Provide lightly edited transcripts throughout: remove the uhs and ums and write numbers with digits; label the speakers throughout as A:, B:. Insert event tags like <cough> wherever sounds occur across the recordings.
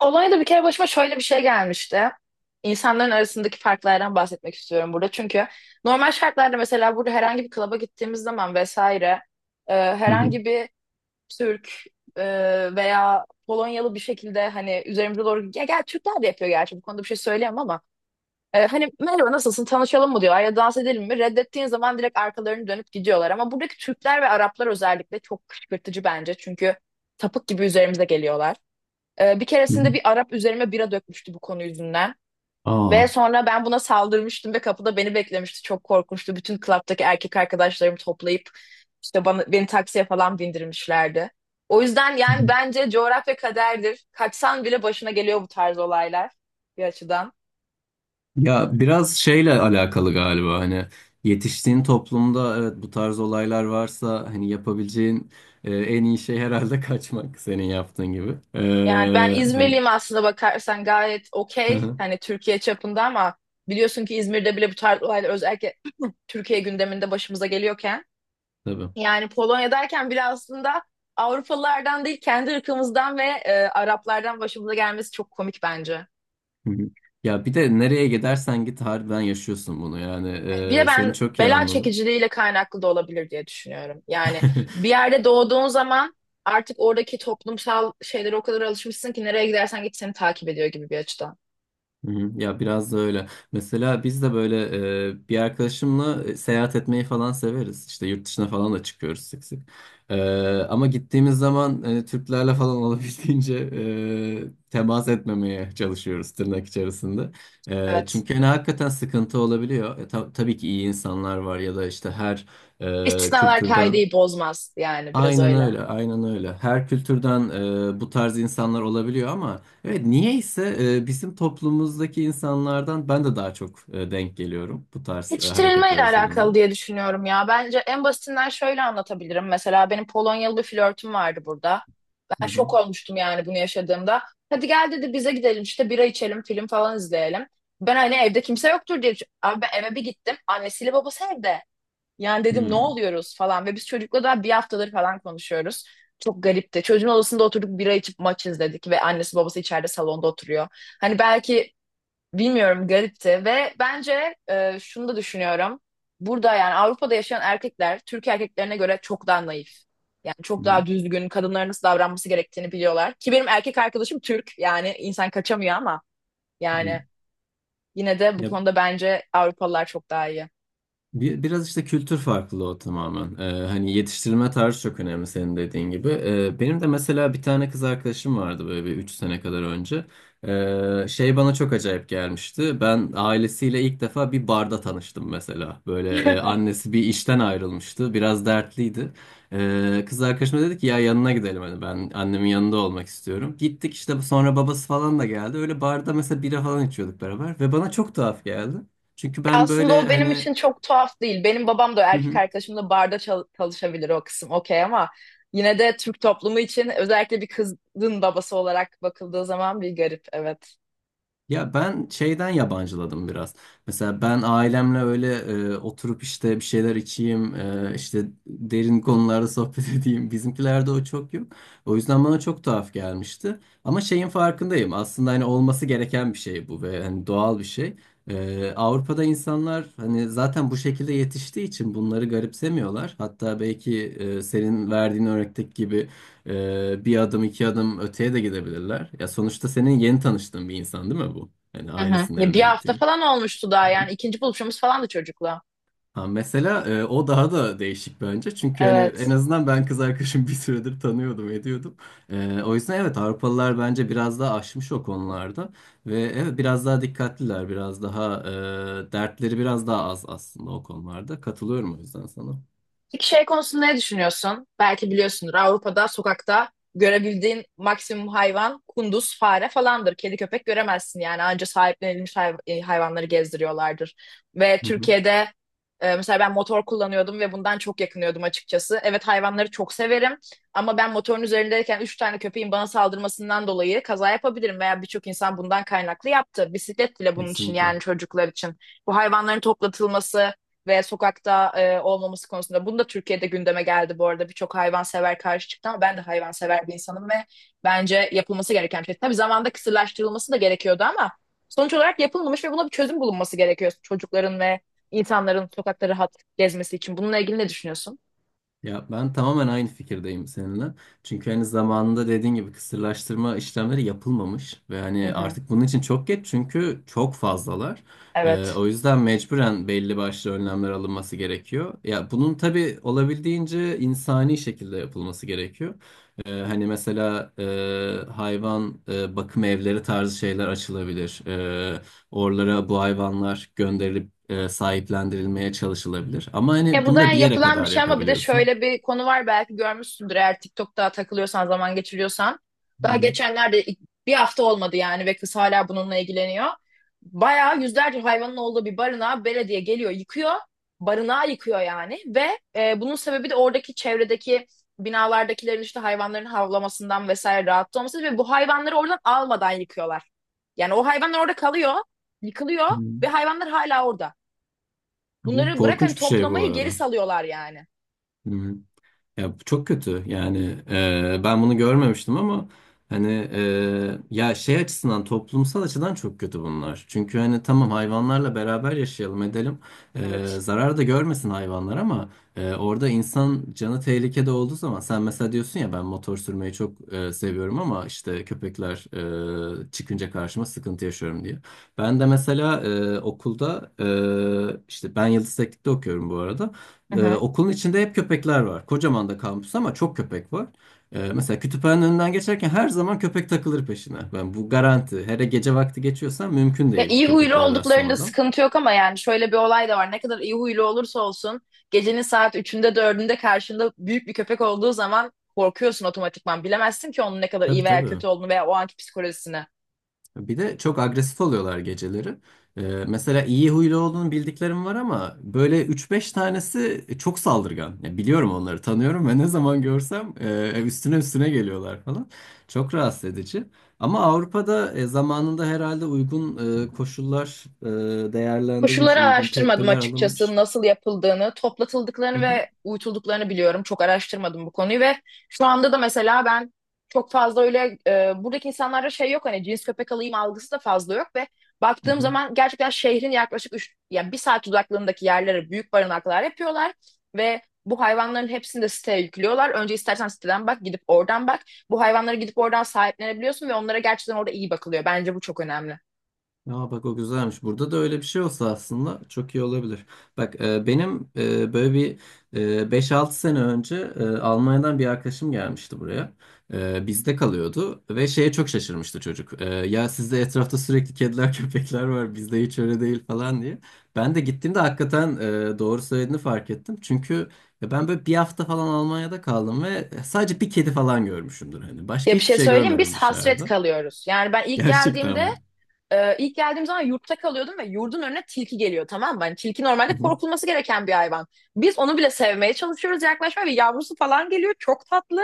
A: Olayda bir kere başıma şöyle bir şey gelmişti. İnsanların arasındaki farklardan bahsetmek istiyorum burada. Çünkü normal şartlarda mesela burada herhangi bir klaba gittiğimiz zaman vesaire
B: Hı hı,
A: herhangi bir Türk e, veya Polonyalı bir şekilde hani üzerimize doğru ya gel Türkler de yapıyor gerçi bu konuda bir şey söyleyemem ama hani merhaba nasılsın tanışalım mı diyorlar ya dans edelim mi reddettiğin zaman direkt arkalarını dönüp gidiyorlar ama buradaki Türkler ve Araplar özellikle çok kışkırtıcı bence çünkü tapık gibi üzerimize geliyorlar. Bir
B: hı hı.
A: keresinde bir Arap üzerime bira dökmüştü bu konu yüzünden.
B: Aa.
A: Ve sonra ben buna saldırmıştım ve kapıda beni beklemişti. Çok korkunçtu. Bütün klaptaki erkek arkadaşlarımı toplayıp işte beni taksiye falan bindirmişlerdi. O yüzden
B: Hı
A: yani
B: hı.
A: bence coğrafya kaderdir. Kaçsan bile başına geliyor bu tarz olaylar bir açıdan.
B: Ya biraz şeyle alakalı galiba hani yetiştiğin toplumda evet bu tarz olaylar varsa hani yapabileceğin en iyi şey herhalde <laughs> kaçmak senin yaptığın gibi.
A: Yani ben
B: Hani
A: İzmirliyim aslında bakarsan gayet
B: <laughs> hı
A: okey.
B: hı,
A: Hani Türkiye çapında ama biliyorsun ki İzmir'de bile bu tarz olaylar özellikle <clears throat> Türkiye gündeminde başımıza geliyorken
B: tabii.
A: yani Polonya derken bile aslında Avrupalılardan değil kendi ırkımızdan ve Araplardan başımıza gelmesi çok komik bence.
B: Hı hı. Ya bir de nereye gidersen git harbiden yaşıyorsun bunu yani.
A: Bir de
B: Seni
A: ben
B: çok iyi
A: bela
B: anladım.
A: çekiciliğiyle kaynaklı da olabilir diye düşünüyorum. Yani bir
B: <laughs>
A: yerde doğduğun zaman artık oradaki toplumsal şeylere o kadar alışmışsın ki nereye gidersen git seni takip ediyor gibi bir açıdan.
B: Hı hı. Ya biraz da öyle. Mesela biz de böyle bir arkadaşımla seyahat etmeyi falan severiz. İşte yurt dışına falan da çıkıyoruz sık sık. E, ama gittiğimiz zaman Türklerle falan <laughs> olabildiğince temas etmemeye çalışıyoruz tırnak içerisinde. E,
A: Evet.
B: çünkü hani hakikaten sıkıntı olabiliyor. Tabii ki iyi insanlar var ya da işte her
A: İstisnalar
B: kültürden.
A: kaideyi bozmaz yani biraz
B: Aynen
A: öyle.
B: öyle, aynen öyle. Her kültürden bu tarz insanlar olabiliyor ama evet niyeyse bizim toplumumuzdaki insanlardan ben de daha çok denk geliyorum bu tarz hareketler
A: Yetiştirilmeyle
B: özelinde.
A: alakalı diye düşünüyorum ya. Bence en basitinden şöyle anlatabilirim. Mesela benim Polonyalı bir flörtüm vardı burada.
B: Hı
A: Ben
B: hı.
A: şok olmuştum yani bunu yaşadığımda. Hadi gel dedi bize gidelim işte bira içelim, film falan izleyelim. Ben hani evde kimse yoktur diye abi ben eve bir gittim. Annesiyle babası evde. Yani dedim ne
B: Hmm,
A: oluyoruz falan. Ve biz çocukla daha bir haftadır falan konuşuyoruz. Çok garipti. Çocuğun odasında oturduk bira içip maç izledik. Ve annesi babası içeride salonda oturuyor. Hani belki Bilmiyorum, garipti ve bence şunu da düşünüyorum. Burada yani Avrupa'da yaşayan erkekler Türk erkeklerine göre çok daha naif. Yani çok
B: hı
A: daha düzgün, kadınların nasıl davranması gerektiğini biliyorlar. Ki benim erkek arkadaşım Türk yani insan kaçamıyor ama
B: hı.
A: yani yine de bu
B: Ya
A: konuda bence Avrupalılar çok daha iyi.
B: Biraz işte kültür farklılığı o tamamen. Hani yetiştirilme tarzı çok önemli senin dediğin gibi. Benim de mesela bir tane kız arkadaşım vardı böyle bir 3 sene kadar önce. Şey bana çok acayip gelmişti. Ben ailesiyle ilk defa bir barda tanıştım mesela. Böyle annesi bir işten ayrılmıştı. Biraz dertliydi. Kız arkadaşım da dedi ki ya yanına gidelim hani ben annemin yanında olmak istiyorum. Gittik işte sonra babası falan da geldi. Öyle barda mesela bira falan içiyorduk beraber ve bana çok tuhaf geldi. Çünkü ben
A: Aslında
B: böyle
A: o benim
B: hani.
A: için çok tuhaf değil. Benim babam da erkek
B: <laughs>
A: arkadaşım da barda çalışabilir, o kısım okey ama yine de Türk toplumu için özellikle bir kızın babası olarak bakıldığı zaman bir garip, evet.
B: Ya ben şeyden yabancıladım biraz. Mesela ben ailemle öyle oturup işte bir şeyler içeyim, işte derin konularda sohbet <laughs> edeyim. Bizimkilerde o çok yok. O yüzden bana çok tuhaf gelmişti. Ama şeyin farkındayım. Aslında hani olması gereken bir şey bu ve hani doğal bir şey. Avrupa'da insanlar hani zaten bu şekilde yetiştiği için bunları garipsemiyorlar. Hatta belki senin verdiğin örnekteki gibi bir adım iki adım öteye de gidebilirler. Ya sonuçta senin yeni tanıştığın bir insan değil mi bu? Yani
A: Hı hı.
B: ailesinin
A: Ya bir
B: evine
A: hafta
B: gittiğin.
A: falan olmuştu daha
B: Hı.
A: yani ikinci buluşumuz falan da çocukla.
B: Ha, mesela o daha da değişik bence. Çünkü hani en
A: Evet.
B: azından ben kız arkadaşımı <laughs> bir süredir tanıyordum, ediyordum. O yüzden evet Avrupalılar bence biraz daha aşmış o konularda. Ve evet biraz daha dikkatliler, biraz daha dertleri biraz daha az aslında o konularda. Katılıyorum o yüzden sana.
A: Peki şey konusunda ne düşünüyorsun? Belki biliyorsundur, Avrupa'da sokakta görebildiğin maksimum hayvan kunduz, fare falandır. Kedi köpek göremezsin yani, anca sahiplenilmiş hayvanları gezdiriyorlardır. Ve
B: Hı hı.
A: Türkiye'de mesela ben motor kullanıyordum ve bundan çok yakınıyordum açıkçası. Evet hayvanları çok severim ama ben motorun üzerindeyken üç tane köpeğin bana saldırmasından dolayı kaza yapabilirim veya birçok insan bundan kaynaklı yaptı. Bisiklet bile bunun için,
B: Kesinlikle.
A: yani çocuklar için. Bu hayvanların toplatılması ve sokakta olmaması konusunda. Bunu da Türkiye'de gündeme geldi bu arada. Birçok hayvansever karşı çıktı ama ben de hayvansever bir insanım ve bence yapılması gereken bir şey. Tabii zamanda kısırlaştırılması da gerekiyordu ama sonuç olarak yapılmamış ve buna bir çözüm bulunması gerekiyor çocukların ve insanların sokakta rahat gezmesi için. Bununla ilgili ne düşünüyorsun?
B: Ya ben tamamen aynı fikirdeyim seninle. Çünkü hani zamanında dediğin gibi kısırlaştırma işlemleri yapılmamış ve
A: Hı
B: hani
A: hı.
B: artık bunun için çok geç çünkü çok fazlalar. Ee,
A: Evet.
B: o yüzden mecburen belli başlı önlemler alınması gerekiyor. Ya bunun tabii olabildiğince insani şekilde yapılması gerekiyor. Hani mesela hayvan bakım evleri tarzı şeyler açılabilir. Oralara bu hayvanlar gönderilip sahiplendirilmeye çalışılabilir. Ama hani
A: Bu
B: bunu
A: da
B: da bir
A: yani
B: yere
A: yapılan bir
B: kadar
A: şey ama bir de
B: yapabiliyorsun.
A: şöyle bir konu var, belki görmüşsündür eğer TikTok'ta takılıyorsan, zaman geçiriyorsan.
B: Hı
A: Daha
B: hı.
A: geçenlerde bir hafta olmadı yani ve kız hala bununla ilgileniyor. Bayağı yüzlerce hayvanın olduğu bir barınağa belediye geliyor, yıkıyor. Barınağı yıkıyor yani ve bunun sebebi de oradaki çevredeki binalardakilerin işte hayvanların havlamasından vesaire rahatsız olması ve bu hayvanları oradan almadan yıkıyorlar. Yani o hayvanlar orada kalıyor, yıkılıyor
B: Hı hı.
A: ve hayvanlar hala orada.
B: Bu
A: Bunları bırakın
B: korkunç bir şey bu
A: toplamayı, geri
B: arada.
A: salıyorlar yani.
B: Hı. Ya bu çok kötü yani ben bunu görmemiştim ama hani ya şey açısından toplumsal açıdan çok kötü bunlar. Çünkü hani tamam hayvanlarla beraber yaşayalım edelim,
A: Evet.
B: zarar da görmesin hayvanlar ama orada insan canı tehlikede olduğu zaman sen mesela diyorsun ya ben motor sürmeyi çok seviyorum ama işte köpekler çıkınca karşıma sıkıntı yaşıyorum diye. Ben de mesela okulda işte ben Yıldız Teknik'te okuyorum bu arada.
A: Hı
B: Ee,
A: hı.
B: okulun içinde hep köpekler var. Kocaman da kampüs ama çok köpek var. Mesela kütüphanenin önünden geçerken her zaman köpek takılır peşine. Ben bu garanti. Hele gece vakti geçiyorsan mümkün
A: Ya
B: değil
A: iyi huylu
B: köpeklere
A: olduklarında
B: rastlamadan.
A: sıkıntı yok ama yani şöyle bir olay da var. Ne kadar iyi huylu olursa olsun gecenin saat üçünde dördünde karşında büyük bir köpek olduğu zaman korkuyorsun otomatikman. Bilemezsin ki onun ne kadar iyi
B: Tabii
A: veya
B: tabii.
A: kötü olduğunu veya o anki psikolojisini.
B: Bir de çok agresif oluyorlar geceleri. Ee, mesela iyi huylu olduğunu bildiklerim var ama böyle üç beş tanesi çok saldırgan. Ya biliyorum onları, tanıyorum <laughs> ve ne zaman görsem üstüne üstüne geliyorlar falan. Çok rahatsız edici. Ama Avrupa'da zamanında herhalde uygun koşullar değerlendirilmiş,
A: Koşulları
B: uygun
A: araştırmadım
B: tedbirler
A: açıkçası,
B: alınmış.
A: nasıl yapıldığını,
B: Hı
A: toplatıldıklarını
B: hı.
A: ve uyutulduklarını biliyorum. Çok araştırmadım bu konuyu ve şu anda da mesela ben çok fazla öyle buradaki insanlarda şey yok, hani cins köpek alayım algısı da fazla yok ve
B: Hı
A: baktığım
B: hı.
A: zaman gerçekten şehrin yaklaşık üç, yani bir saat uzaklığındaki yerlere büyük barınaklar yapıyorlar ve bu hayvanların hepsini de siteye yüklüyorlar. Önce istersen siteden bak, gidip oradan bak. Bu hayvanları gidip oradan sahiplenebiliyorsun ve onlara gerçekten orada iyi bakılıyor. Bence bu çok önemli.
B: Aa, bak o güzelmiş. Burada da öyle bir şey olsa aslında çok iyi olabilir. Bak benim böyle bir 5-6 sene önce Almanya'dan bir arkadaşım gelmişti buraya. Bizde kalıyordu ve şeye çok şaşırmıştı çocuk. Ya sizde etrafta sürekli kediler <laughs> köpekler var bizde hiç öyle değil falan diye. Ben de gittiğimde hakikaten doğru söylediğini fark ettim. Çünkü ya ben böyle bir hafta falan Almanya'da kaldım ve sadece bir kedi falan görmüşümdür. Hani başka
A: Ya bir
B: hiçbir
A: şey
B: şey
A: söyleyeyim, biz
B: görmedim
A: hasret
B: dışarıda.
A: kalıyoruz. Yani ben
B: <laughs>
A: ilk
B: Gerçekten
A: geldiğimde,
B: mi?
A: e, ilk geldiğim zaman yurtta kalıyordum ve yurdun önüne tilki geliyor, tamam mı? Hani tilki normalde
B: Hı hı.
A: korkulması gereken bir hayvan. Biz onu bile sevmeye çalışıyoruz, yaklaşmaya ve yavrusu falan geliyor, çok tatlı.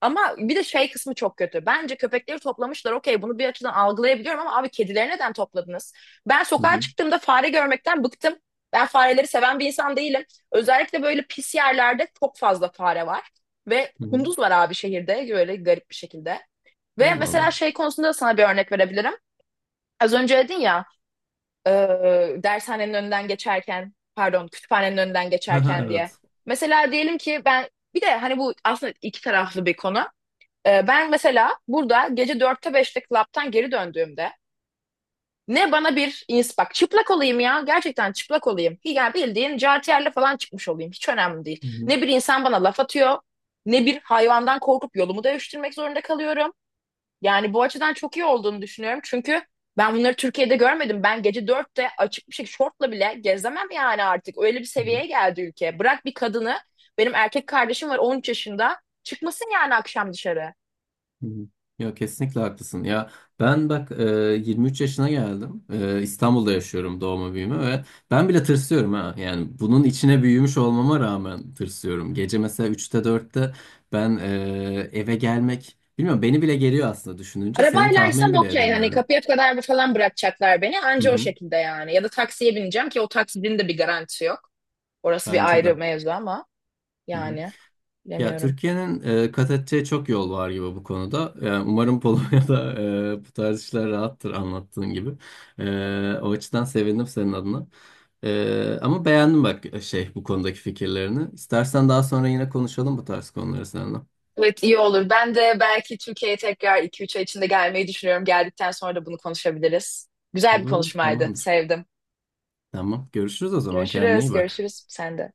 A: Ama bir de şey kısmı çok kötü. Bence köpekleri toplamışlar, okey, bunu bir açıdan algılayabiliyorum ama abi kedileri neden topladınız? Ben
B: Hı
A: sokağa
B: hı.
A: çıktığımda fare görmekten bıktım. Ben fareleri seven bir insan değilim. Özellikle böyle pis yerlerde çok fazla fare var. Ve
B: Hı hı.
A: kunduz var abi şehirde böyle garip bir şekilde. Ve
B: Allah
A: mesela
B: Allah.
A: şey
B: <laughs>
A: konusunda da sana bir örnek verebilirim. Az önce dedin ya e, dershanenin önünden geçerken, pardon, kütüphanenin önünden
B: Ha, ha,
A: geçerken diye.
B: evet.
A: Mesela diyelim ki ben bir de hani bu aslında iki taraflı bir konu. E, ben mesela burada gece dörtte beşte klaptan geri döndüğümde ne bana bir bak çıplak olayım ya, gerçekten çıplak olayım. Yani bildiğin jartiyerle falan çıkmış olayım, hiç önemli değil.
B: Hı hı,
A: Ne bir insan bana laf atıyor ne bir hayvandan korkup yolumu değiştirmek zorunda kalıyorum. Yani bu açıdan çok iyi olduğunu düşünüyorum. Çünkü ben bunları Türkiye'de görmedim. Ben gece dörtte açık bir şey, şortla bile gezemem yani artık. Öyle bir
B: hı hı,
A: seviyeye geldi ülke. Bırak bir kadını, benim erkek kardeşim var, 13 yaşında. Çıkmasın yani akşam dışarı.
B: hı hı. Ya kesinlikle haklısın. Ya ben bak 23 yaşına geldim. İstanbul'da yaşıyorum doğma büyüme ve ben bile tırsıyorum ha. Yani bunun içine büyümüş olmama rağmen tırsıyorum. Gece mesela üçte dörtte ben eve gelmek bilmiyorum beni bile geriyor aslında düşününce. Senin tahmin
A: Arabaylaysam
B: bile
A: okey, hani
B: edemiyorum.
A: kapıya kadar falan bırakacaklar beni,
B: Hı
A: anca o
B: hı.
A: şekilde yani. Ya da taksiye bineceğim ki o taksinin de bir garantisi yok. Orası bir
B: Bence
A: ayrı
B: de.
A: mevzu ama
B: Hı hı.
A: yani
B: Ya
A: bilemiyorum.
B: Türkiye'nin kat edeceği çok yol var gibi bu konuda. Yani umarım Polonya'da <laughs> bu tarz işler rahattır anlattığın gibi. O açıdan sevindim senin adına. Ama beğendim bak şey bu konudaki fikirlerini. İstersen daha sonra yine konuşalım bu tarz konuları seninle.
A: Evet, iyi olur. Ben de belki Türkiye'ye tekrar 2-3 ay içinde gelmeyi düşünüyorum. Geldikten sonra da bunu konuşabiliriz. Güzel bir
B: Olur olur
A: konuşmaydı,
B: tamamdır.
A: sevdim.
B: Tamam görüşürüz o zaman kendine
A: Görüşürüz,
B: iyi bak.
A: görüşürüz. Sen de.